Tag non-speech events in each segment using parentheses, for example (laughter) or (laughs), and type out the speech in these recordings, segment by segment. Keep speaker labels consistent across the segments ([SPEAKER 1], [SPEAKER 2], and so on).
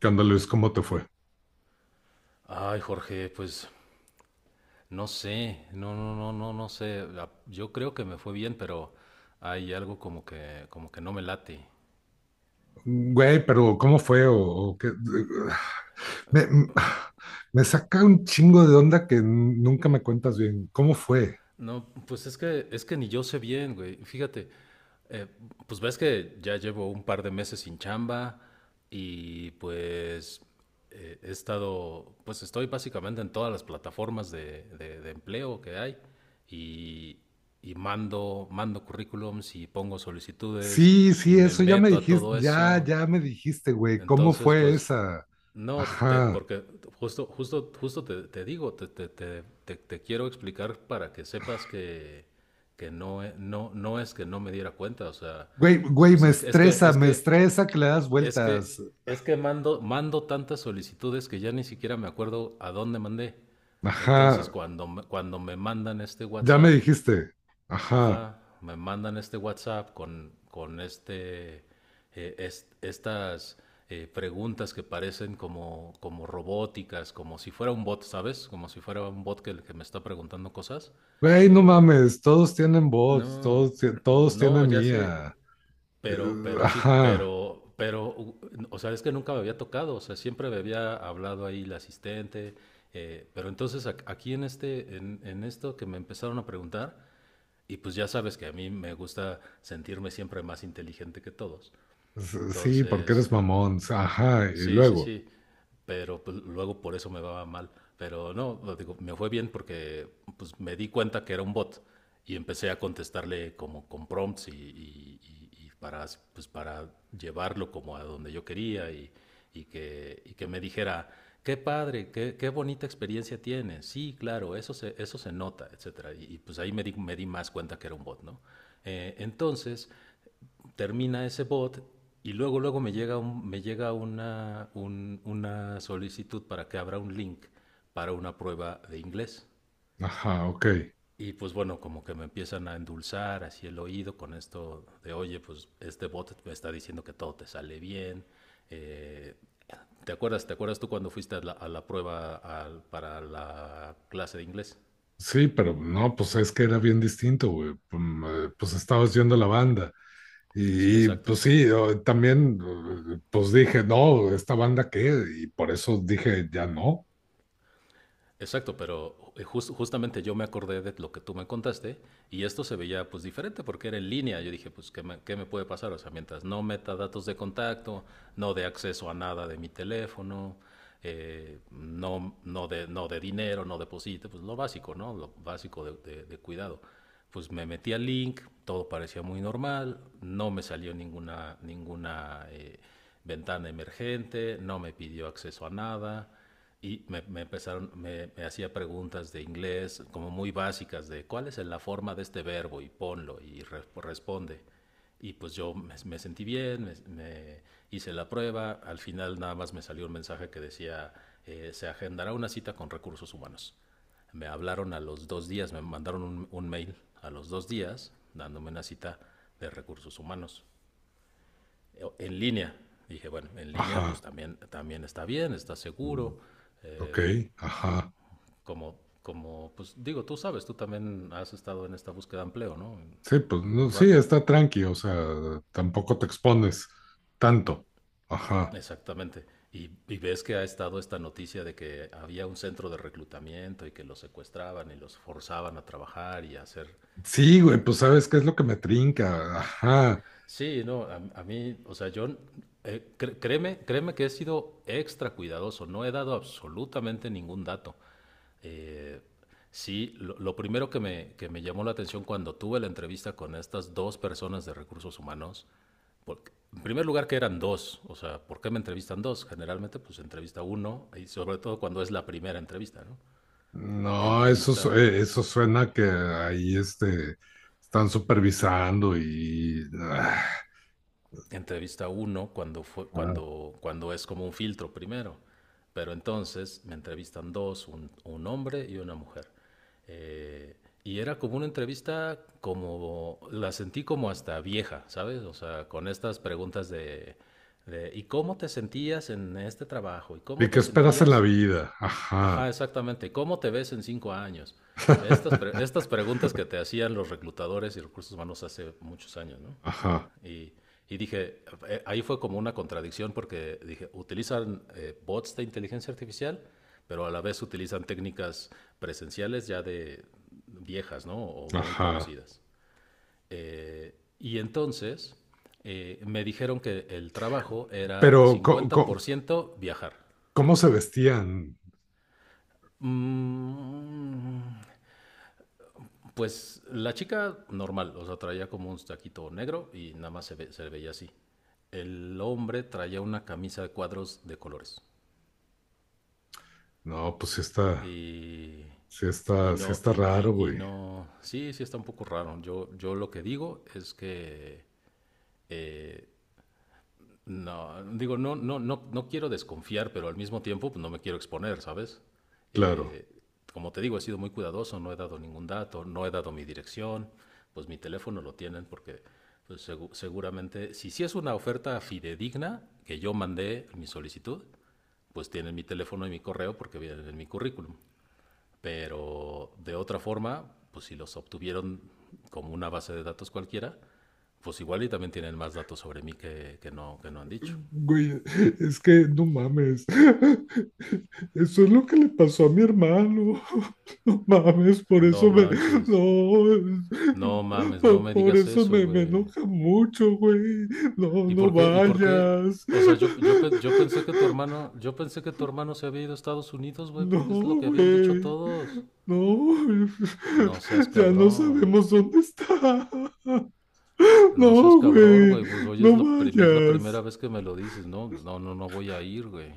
[SPEAKER 1] ¿Qué onda, Luis? ¿Cómo te fue?
[SPEAKER 2] Ay, Jorge, pues no sé, no, no, no, no, no sé. Yo creo que me fue bien, pero hay algo como que no me late.
[SPEAKER 1] Güey, pero ¿cómo fue? ¿O qué? Me, me saca un chingo de onda que nunca me cuentas bien. ¿Cómo fue?
[SPEAKER 2] No, pues es que ni yo sé bien, güey. Fíjate, eh, pues ves que ya llevo un par de meses sin chamba y pues estoy básicamente en todas las plataformas de, de empleo que hay y, y mando currículums y pongo solicitudes
[SPEAKER 1] Sí,
[SPEAKER 2] y
[SPEAKER 1] sí,
[SPEAKER 2] me
[SPEAKER 1] eso ya me
[SPEAKER 2] meto a
[SPEAKER 1] dijiste,
[SPEAKER 2] todo
[SPEAKER 1] ya,
[SPEAKER 2] eso.
[SPEAKER 1] ya me dijiste, güey. ¿Cómo
[SPEAKER 2] Entonces,
[SPEAKER 1] fue
[SPEAKER 2] pues
[SPEAKER 1] esa?
[SPEAKER 2] no,
[SPEAKER 1] Ajá.
[SPEAKER 2] porque justo te, te digo, te- te quiero explicar para que sepas que no es que no me diera cuenta, o sea,
[SPEAKER 1] Güey, güey,
[SPEAKER 2] pues
[SPEAKER 1] me estresa que le das
[SPEAKER 2] es
[SPEAKER 1] vueltas.
[SPEAKER 2] que, es que mando tantas solicitudes que ya ni siquiera me acuerdo a dónde mandé. Entonces,
[SPEAKER 1] Ajá.
[SPEAKER 2] cuando me mandan este
[SPEAKER 1] Ya me
[SPEAKER 2] WhatsApp.
[SPEAKER 1] dijiste. Ajá.
[SPEAKER 2] Ajá. Me mandan este WhatsApp con estas preguntas que parecen como, como robóticas, como si fuera un bot, ¿sabes? Como si fuera un bot que me está preguntando cosas.
[SPEAKER 1] Güey, no
[SPEAKER 2] Eh,
[SPEAKER 1] mames, todos tienen bots,
[SPEAKER 2] no,
[SPEAKER 1] todos, todos
[SPEAKER 2] no,
[SPEAKER 1] tienen
[SPEAKER 2] ya sé,
[SPEAKER 1] IA. Eh,
[SPEAKER 2] pero,
[SPEAKER 1] Ajá.
[SPEAKER 2] o sea, es que nunca me había tocado, o sea, siempre me había hablado ahí la asistente, pero entonces aquí en esto que me empezaron a preguntar, y pues ya sabes que a mí me gusta sentirme siempre más inteligente que todos.
[SPEAKER 1] Sí, porque
[SPEAKER 2] Entonces,
[SPEAKER 1] eres mamón. Ajá, y
[SPEAKER 2] sí, sí,
[SPEAKER 1] luego.
[SPEAKER 2] sí. Pero pues, luego por eso me va mal. Pero no, lo digo, me fue bien porque pues, me di cuenta que era un bot y empecé a contestarle como con prompts y para llevarlo como a donde yo quería y que me dijera, qué padre, qué bonita experiencia tienes. Sí, claro, eso se nota, etcétera. Y pues ahí me di más cuenta que era un bot, ¿no? Entonces, termina ese bot y luego me llega una solicitud para que abra un link para una prueba de inglés.
[SPEAKER 1] Ajá, ok.
[SPEAKER 2] Y pues bueno, como que me empiezan a endulzar así el oído con esto de, oye, pues este bot me está diciendo que todo te sale bien. Eh, ¿te acuerdas tú cuando fuiste a la prueba para la clase de inglés?
[SPEAKER 1] Sí, pero no, pues es que era bien distinto, güey. Pum, pues estabas yendo a la banda.
[SPEAKER 2] Sí,
[SPEAKER 1] Y, pues
[SPEAKER 2] exacto.
[SPEAKER 1] sí, también, pues dije, no, ¿esta banda qué? Y por eso dije, ya no.
[SPEAKER 2] Exacto, pero justamente yo me acordé de lo que tú me contaste y esto se veía pues diferente porque era en línea. Yo dije, pues, ¿Qué me puede pasar? O sea, mientras no meta datos de contacto, no de acceso a nada de mi teléfono, no de dinero, no deposite, pues lo básico, ¿no? Lo básico de, de cuidado. Pues me metí al link, todo parecía muy normal, no me salió ninguna ventana emergente, no me pidió acceso a nada y me hacía preguntas de inglés como muy básicas de cuál es la forma de este verbo y ponlo y responde. Y pues yo me sentí bien, me hice la prueba, al final nada más me salió un mensaje que decía, se agendará una cita con recursos humanos. Me hablaron a los 2 días, me mandaron un mail a los 2 días dándome una cita de recursos humanos en línea. Dije, bueno, en línea pues
[SPEAKER 1] Ajá.
[SPEAKER 2] también, también está bien, está
[SPEAKER 1] Mm,
[SPEAKER 2] seguro, eh,
[SPEAKER 1] ok, ajá.
[SPEAKER 2] pues digo, tú sabes, tú también has estado en esta búsqueda de empleo, ¿no? En,
[SPEAKER 1] Sí, pues
[SPEAKER 2] en
[SPEAKER 1] no,
[SPEAKER 2] un
[SPEAKER 1] sí,
[SPEAKER 2] rato.
[SPEAKER 1] está tranqui, o sea, tampoco te expones tanto. Ajá.
[SPEAKER 2] Exactamente. Y ves que ha estado esta noticia de que había un centro de reclutamiento y que los secuestraban y los forzaban a trabajar y a hacer
[SPEAKER 1] Sí, güey,
[SPEAKER 2] este,
[SPEAKER 1] pues sabes qué es lo que me trinca. Ajá.
[SPEAKER 2] sí, no, a mí, o sea, créeme que he sido extra cuidadoso, no he dado absolutamente ningún dato. Eh, sí, lo primero que me llamó la atención cuando tuve la entrevista con estas dos personas de recursos humanos, porque, en primer lugar que eran dos, o sea, ¿por qué me entrevistan dos? Generalmente pues entrevista uno, y sobre todo cuando es la primera entrevista, ¿no?
[SPEAKER 1] No, eso,
[SPEAKER 2] Entrevista
[SPEAKER 1] eso suena que ahí este, están supervisando y... ah,
[SPEAKER 2] entrevista uno cuando, fue,
[SPEAKER 1] ah.
[SPEAKER 2] cuando, cuando es como un filtro primero, pero entonces me entrevistan dos, un hombre y una mujer. Eh, y era como una entrevista la sentí como hasta vieja, ¿sabes? O sea, con estas preguntas de, ¿y cómo te sentías en este trabajo? ¿Y cómo
[SPEAKER 1] ¿Y qué
[SPEAKER 2] te
[SPEAKER 1] esperas en la
[SPEAKER 2] sentías?
[SPEAKER 1] vida? Ajá.
[SPEAKER 2] Ajá, exactamente. ¿Cómo te ves en 5 años? Estas
[SPEAKER 1] (laughs)
[SPEAKER 2] preguntas que te hacían los reclutadores y recursos humanos hace muchos años, ¿no?
[SPEAKER 1] Ajá,
[SPEAKER 2] Y, y dije, ahí fue como una contradicción porque dije, utilizan bots de inteligencia artificial, pero a la vez utilizan técnicas presenciales ya de viejas, ¿no? O muy
[SPEAKER 1] ajá.
[SPEAKER 2] conocidas. Y entonces me dijeron que el trabajo era
[SPEAKER 1] Pero,
[SPEAKER 2] cincuenta por ciento viajar.
[SPEAKER 1] ¿cómo se vestían?
[SPEAKER 2] Mm, Pues la chica normal, o sea, traía como un taquito negro y nada más se le veía así. El hombre traía una camisa de cuadros de colores.
[SPEAKER 1] No, pues sí está,
[SPEAKER 2] Y,
[SPEAKER 1] sí
[SPEAKER 2] y
[SPEAKER 1] está, sí
[SPEAKER 2] no,
[SPEAKER 1] está
[SPEAKER 2] y,
[SPEAKER 1] raro,
[SPEAKER 2] y- y
[SPEAKER 1] güey.
[SPEAKER 2] no, sí, sí está un poco raro. Yo lo que digo es que, eh, no, digo, no, no, no, no quiero desconfiar, pero al mismo tiempo pues, no me quiero exponer, ¿sabes?
[SPEAKER 1] Claro.
[SPEAKER 2] Eh, como te digo, he sido muy cuidadoso, no he dado ningún dato, no he dado mi dirección, pues mi teléfono lo tienen porque pues, seguramente, si sí es una oferta fidedigna que yo mandé mi solicitud, pues tienen mi teléfono y mi correo porque vienen en mi currículum. Pero de otra forma, pues si los obtuvieron como una base de datos cualquiera, pues igual y también tienen más datos sobre mí que, que no han dicho.
[SPEAKER 1] Güey, es que no mames. Eso es lo que le pasó a mi hermano. (laughs) No mames, por
[SPEAKER 2] No
[SPEAKER 1] eso me.
[SPEAKER 2] manches,
[SPEAKER 1] No, es-
[SPEAKER 2] no mames, no me
[SPEAKER 1] por,
[SPEAKER 2] digas
[SPEAKER 1] eso
[SPEAKER 2] eso,
[SPEAKER 1] me, me
[SPEAKER 2] güey.
[SPEAKER 1] enoja mucho, güey. No,
[SPEAKER 2] ¿Y
[SPEAKER 1] no
[SPEAKER 2] por qué? ¿Y por qué?
[SPEAKER 1] vayas.
[SPEAKER 2] O sea, yo pensé que tu hermano se había ido a Estados Unidos, güey,
[SPEAKER 1] No,
[SPEAKER 2] porque es lo que habían dicho
[SPEAKER 1] güey.
[SPEAKER 2] todos.
[SPEAKER 1] No,
[SPEAKER 2] No seas
[SPEAKER 1] (laughs) ya no
[SPEAKER 2] cabrón.
[SPEAKER 1] sabemos dónde está.
[SPEAKER 2] No seas
[SPEAKER 1] No,
[SPEAKER 2] cabrón,
[SPEAKER 1] güey.
[SPEAKER 2] güey. Pues hoy
[SPEAKER 1] No
[SPEAKER 2] es la
[SPEAKER 1] vayas.
[SPEAKER 2] primera vez que me lo dices. No, no, no, no voy a ir, güey.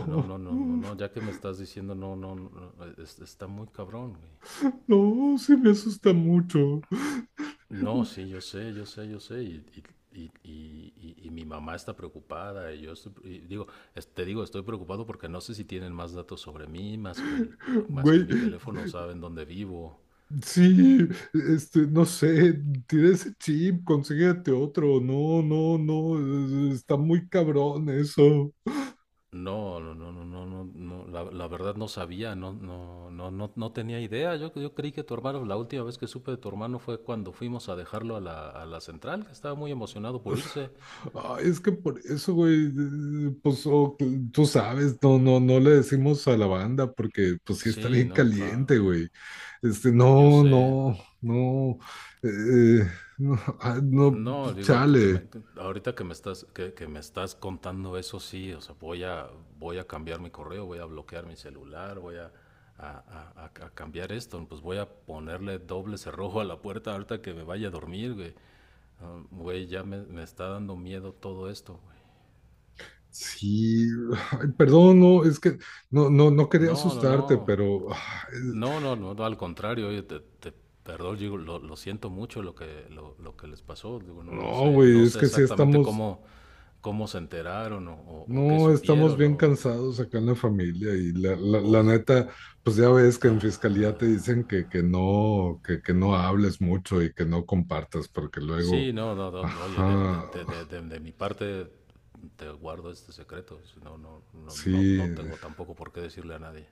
[SPEAKER 2] No, no, no, no, no, ya que me estás diciendo, no, no, no, está muy cabrón, güey.
[SPEAKER 1] No, sí me asusta mucho.
[SPEAKER 2] No, sí, yo sé, y, y mi mamá está preocupada, y digo, te digo, estoy preocupado porque no sé si tienen más datos sobre mí, más que
[SPEAKER 1] Güey,
[SPEAKER 2] mi teléfono, saben dónde vivo.
[SPEAKER 1] sí, este, no sé, tira ese chip, consíguete otro. No, no, no, está muy cabrón eso.
[SPEAKER 2] No, no, no, no, no, no, no, la verdad no sabía, no, no, no, no, no tenía idea. Yo creí que tu hermano, la última vez que supe de tu hermano fue cuando fuimos a dejarlo a la central, que estaba muy emocionado por irse.
[SPEAKER 1] Ay, es que por eso, güey, pues tú sabes, no, no, no le decimos a la banda porque pues sí está
[SPEAKER 2] Sí,
[SPEAKER 1] bien
[SPEAKER 2] no,
[SPEAKER 1] caliente,
[SPEAKER 2] claro,
[SPEAKER 1] güey. Este,
[SPEAKER 2] yo
[SPEAKER 1] no,
[SPEAKER 2] sé.
[SPEAKER 1] no, no, eh, no, ah, no,
[SPEAKER 2] No, digo, ahorita
[SPEAKER 1] chale.
[SPEAKER 2] que me estás, contando eso, sí, o sea, voy a cambiar mi correo, voy a bloquear mi celular, voy a cambiar esto, pues voy a ponerle doble cerrojo a la puerta ahorita que me vaya a dormir, güey. Ah, güey, ya me está dando miedo todo esto, güey.
[SPEAKER 1] Sí, ay, perdón, no, es que no, no, no quería
[SPEAKER 2] No, no,
[SPEAKER 1] asustarte,
[SPEAKER 2] no.
[SPEAKER 1] pero
[SPEAKER 2] No, no, no, no, al contrario, oye, perdón, digo, lo siento mucho lo que les pasó. Digo, no, no
[SPEAKER 1] no,
[SPEAKER 2] sé, no
[SPEAKER 1] güey, es
[SPEAKER 2] sé
[SPEAKER 1] que sí
[SPEAKER 2] exactamente
[SPEAKER 1] estamos,
[SPEAKER 2] cómo se enteraron o qué
[SPEAKER 1] no, estamos
[SPEAKER 2] supieron
[SPEAKER 1] bien cansados acá en la familia y la
[SPEAKER 2] o-
[SPEAKER 1] neta, pues ya ves que en fiscalía te dicen que no hables mucho y que no compartas, porque luego,
[SPEAKER 2] sí, no, no, no, no, oye, de, de-
[SPEAKER 1] ajá,
[SPEAKER 2] de- de- de- de mi parte te guardo este secreto. Si No, no, no, no, no
[SPEAKER 1] sí,
[SPEAKER 2] tengo tampoco por qué decirle a nadie.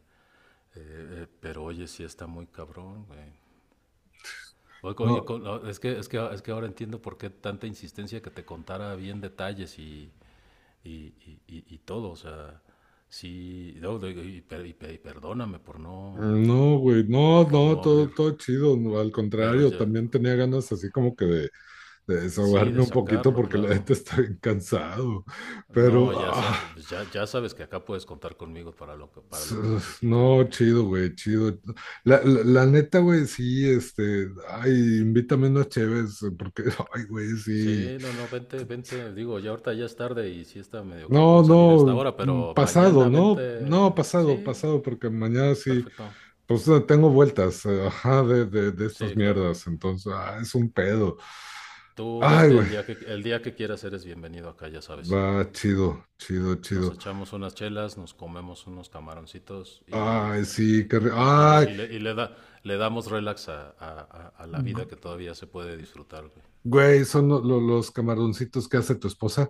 [SPEAKER 2] Pero oye, sí está muy cabrón, güey. Oye,
[SPEAKER 1] no.
[SPEAKER 2] es que ahora entiendo por qué tanta insistencia que te contara bien detalles y, y todo. O sea, sí, no, y perdóname por no,
[SPEAKER 1] No, güey, no,
[SPEAKER 2] por, por
[SPEAKER 1] no,
[SPEAKER 2] no
[SPEAKER 1] todo,
[SPEAKER 2] abrir.
[SPEAKER 1] todo chido, no, al
[SPEAKER 2] Pero
[SPEAKER 1] contrario,
[SPEAKER 2] ya,
[SPEAKER 1] también tenía ganas así como que de,
[SPEAKER 2] sí, de
[SPEAKER 1] desahogarme un poquito
[SPEAKER 2] sacarlo,
[SPEAKER 1] porque la
[SPEAKER 2] claro.
[SPEAKER 1] gente está bien (laughs) cansado.
[SPEAKER 2] No,
[SPEAKER 1] Pero,
[SPEAKER 2] ya, sa- pues ya, ya sabes que acá puedes contar conmigo para lo que
[SPEAKER 1] s-
[SPEAKER 2] necesites,
[SPEAKER 1] no,
[SPEAKER 2] güey.
[SPEAKER 1] chido, güey, chido. La neta, güey, sí, este, ay, invítame unos cheves, porque, (laughs) ay, güey, sí.
[SPEAKER 2] Sí, no, no, vente, vente. Digo, ya ahorita ya es tarde y sí está medio
[SPEAKER 1] No,
[SPEAKER 2] cabrón salir a esta
[SPEAKER 1] no,
[SPEAKER 2] hora,
[SPEAKER 1] mm,
[SPEAKER 2] pero
[SPEAKER 1] pasado,
[SPEAKER 2] mañana
[SPEAKER 1] no,
[SPEAKER 2] vente.
[SPEAKER 1] no, pasado,
[SPEAKER 2] Sí,
[SPEAKER 1] pasado, porque mañana sí,
[SPEAKER 2] perfecto.
[SPEAKER 1] pues tengo vueltas, ajá, de
[SPEAKER 2] Sí,
[SPEAKER 1] estas
[SPEAKER 2] claro.
[SPEAKER 1] mierdas, entonces, ah, es un pedo.
[SPEAKER 2] Tú
[SPEAKER 1] Ay,
[SPEAKER 2] vete
[SPEAKER 1] güey,
[SPEAKER 2] el día que quieras, eres bienvenido acá, ya sabes.
[SPEAKER 1] va, chido, chido,
[SPEAKER 2] Nos
[SPEAKER 1] chido.
[SPEAKER 2] echamos unas chelas, nos comemos unos camaroncitos
[SPEAKER 1] Ay, sí,
[SPEAKER 2] y le,
[SPEAKER 1] ay,
[SPEAKER 2] y le- y le da, le damos relax a la vida que
[SPEAKER 1] Gu-
[SPEAKER 2] todavía se puede disfrutar, güey.
[SPEAKER 1] güey, son los camaroncitos que hace tu esposa.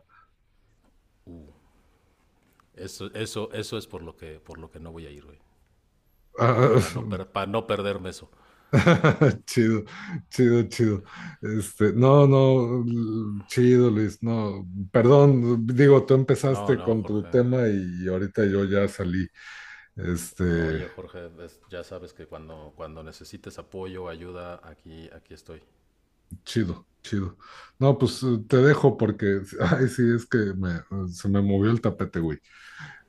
[SPEAKER 2] Eso es por lo que no voy a ir, güey. Para no,
[SPEAKER 1] Ah,
[SPEAKER 2] per- pa no perderme eso.
[SPEAKER 1] (laughs) chido, chido, chido. Este, no, no, chido, Luis, no, perdón, digo, tú
[SPEAKER 2] No,
[SPEAKER 1] empezaste
[SPEAKER 2] no,
[SPEAKER 1] con tu
[SPEAKER 2] Jorge.
[SPEAKER 1] tema y ahorita yo ya salí.
[SPEAKER 2] No,
[SPEAKER 1] Este,
[SPEAKER 2] oye, Jorge, ya sabes que cuando necesites apoyo, ayuda, aquí estoy.
[SPEAKER 1] chido, chido. No, pues te dejo porque, (laughs) ay, sí, se me movió el tapete, güey.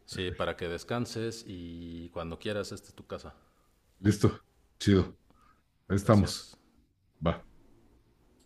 [SPEAKER 2] Sí, para que descanses y cuando quieras, esta es tu casa.
[SPEAKER 1] Listo, chido, ahí estamos.
[SPEAKER 2] Gracias.
[SPEAKER 1] Va.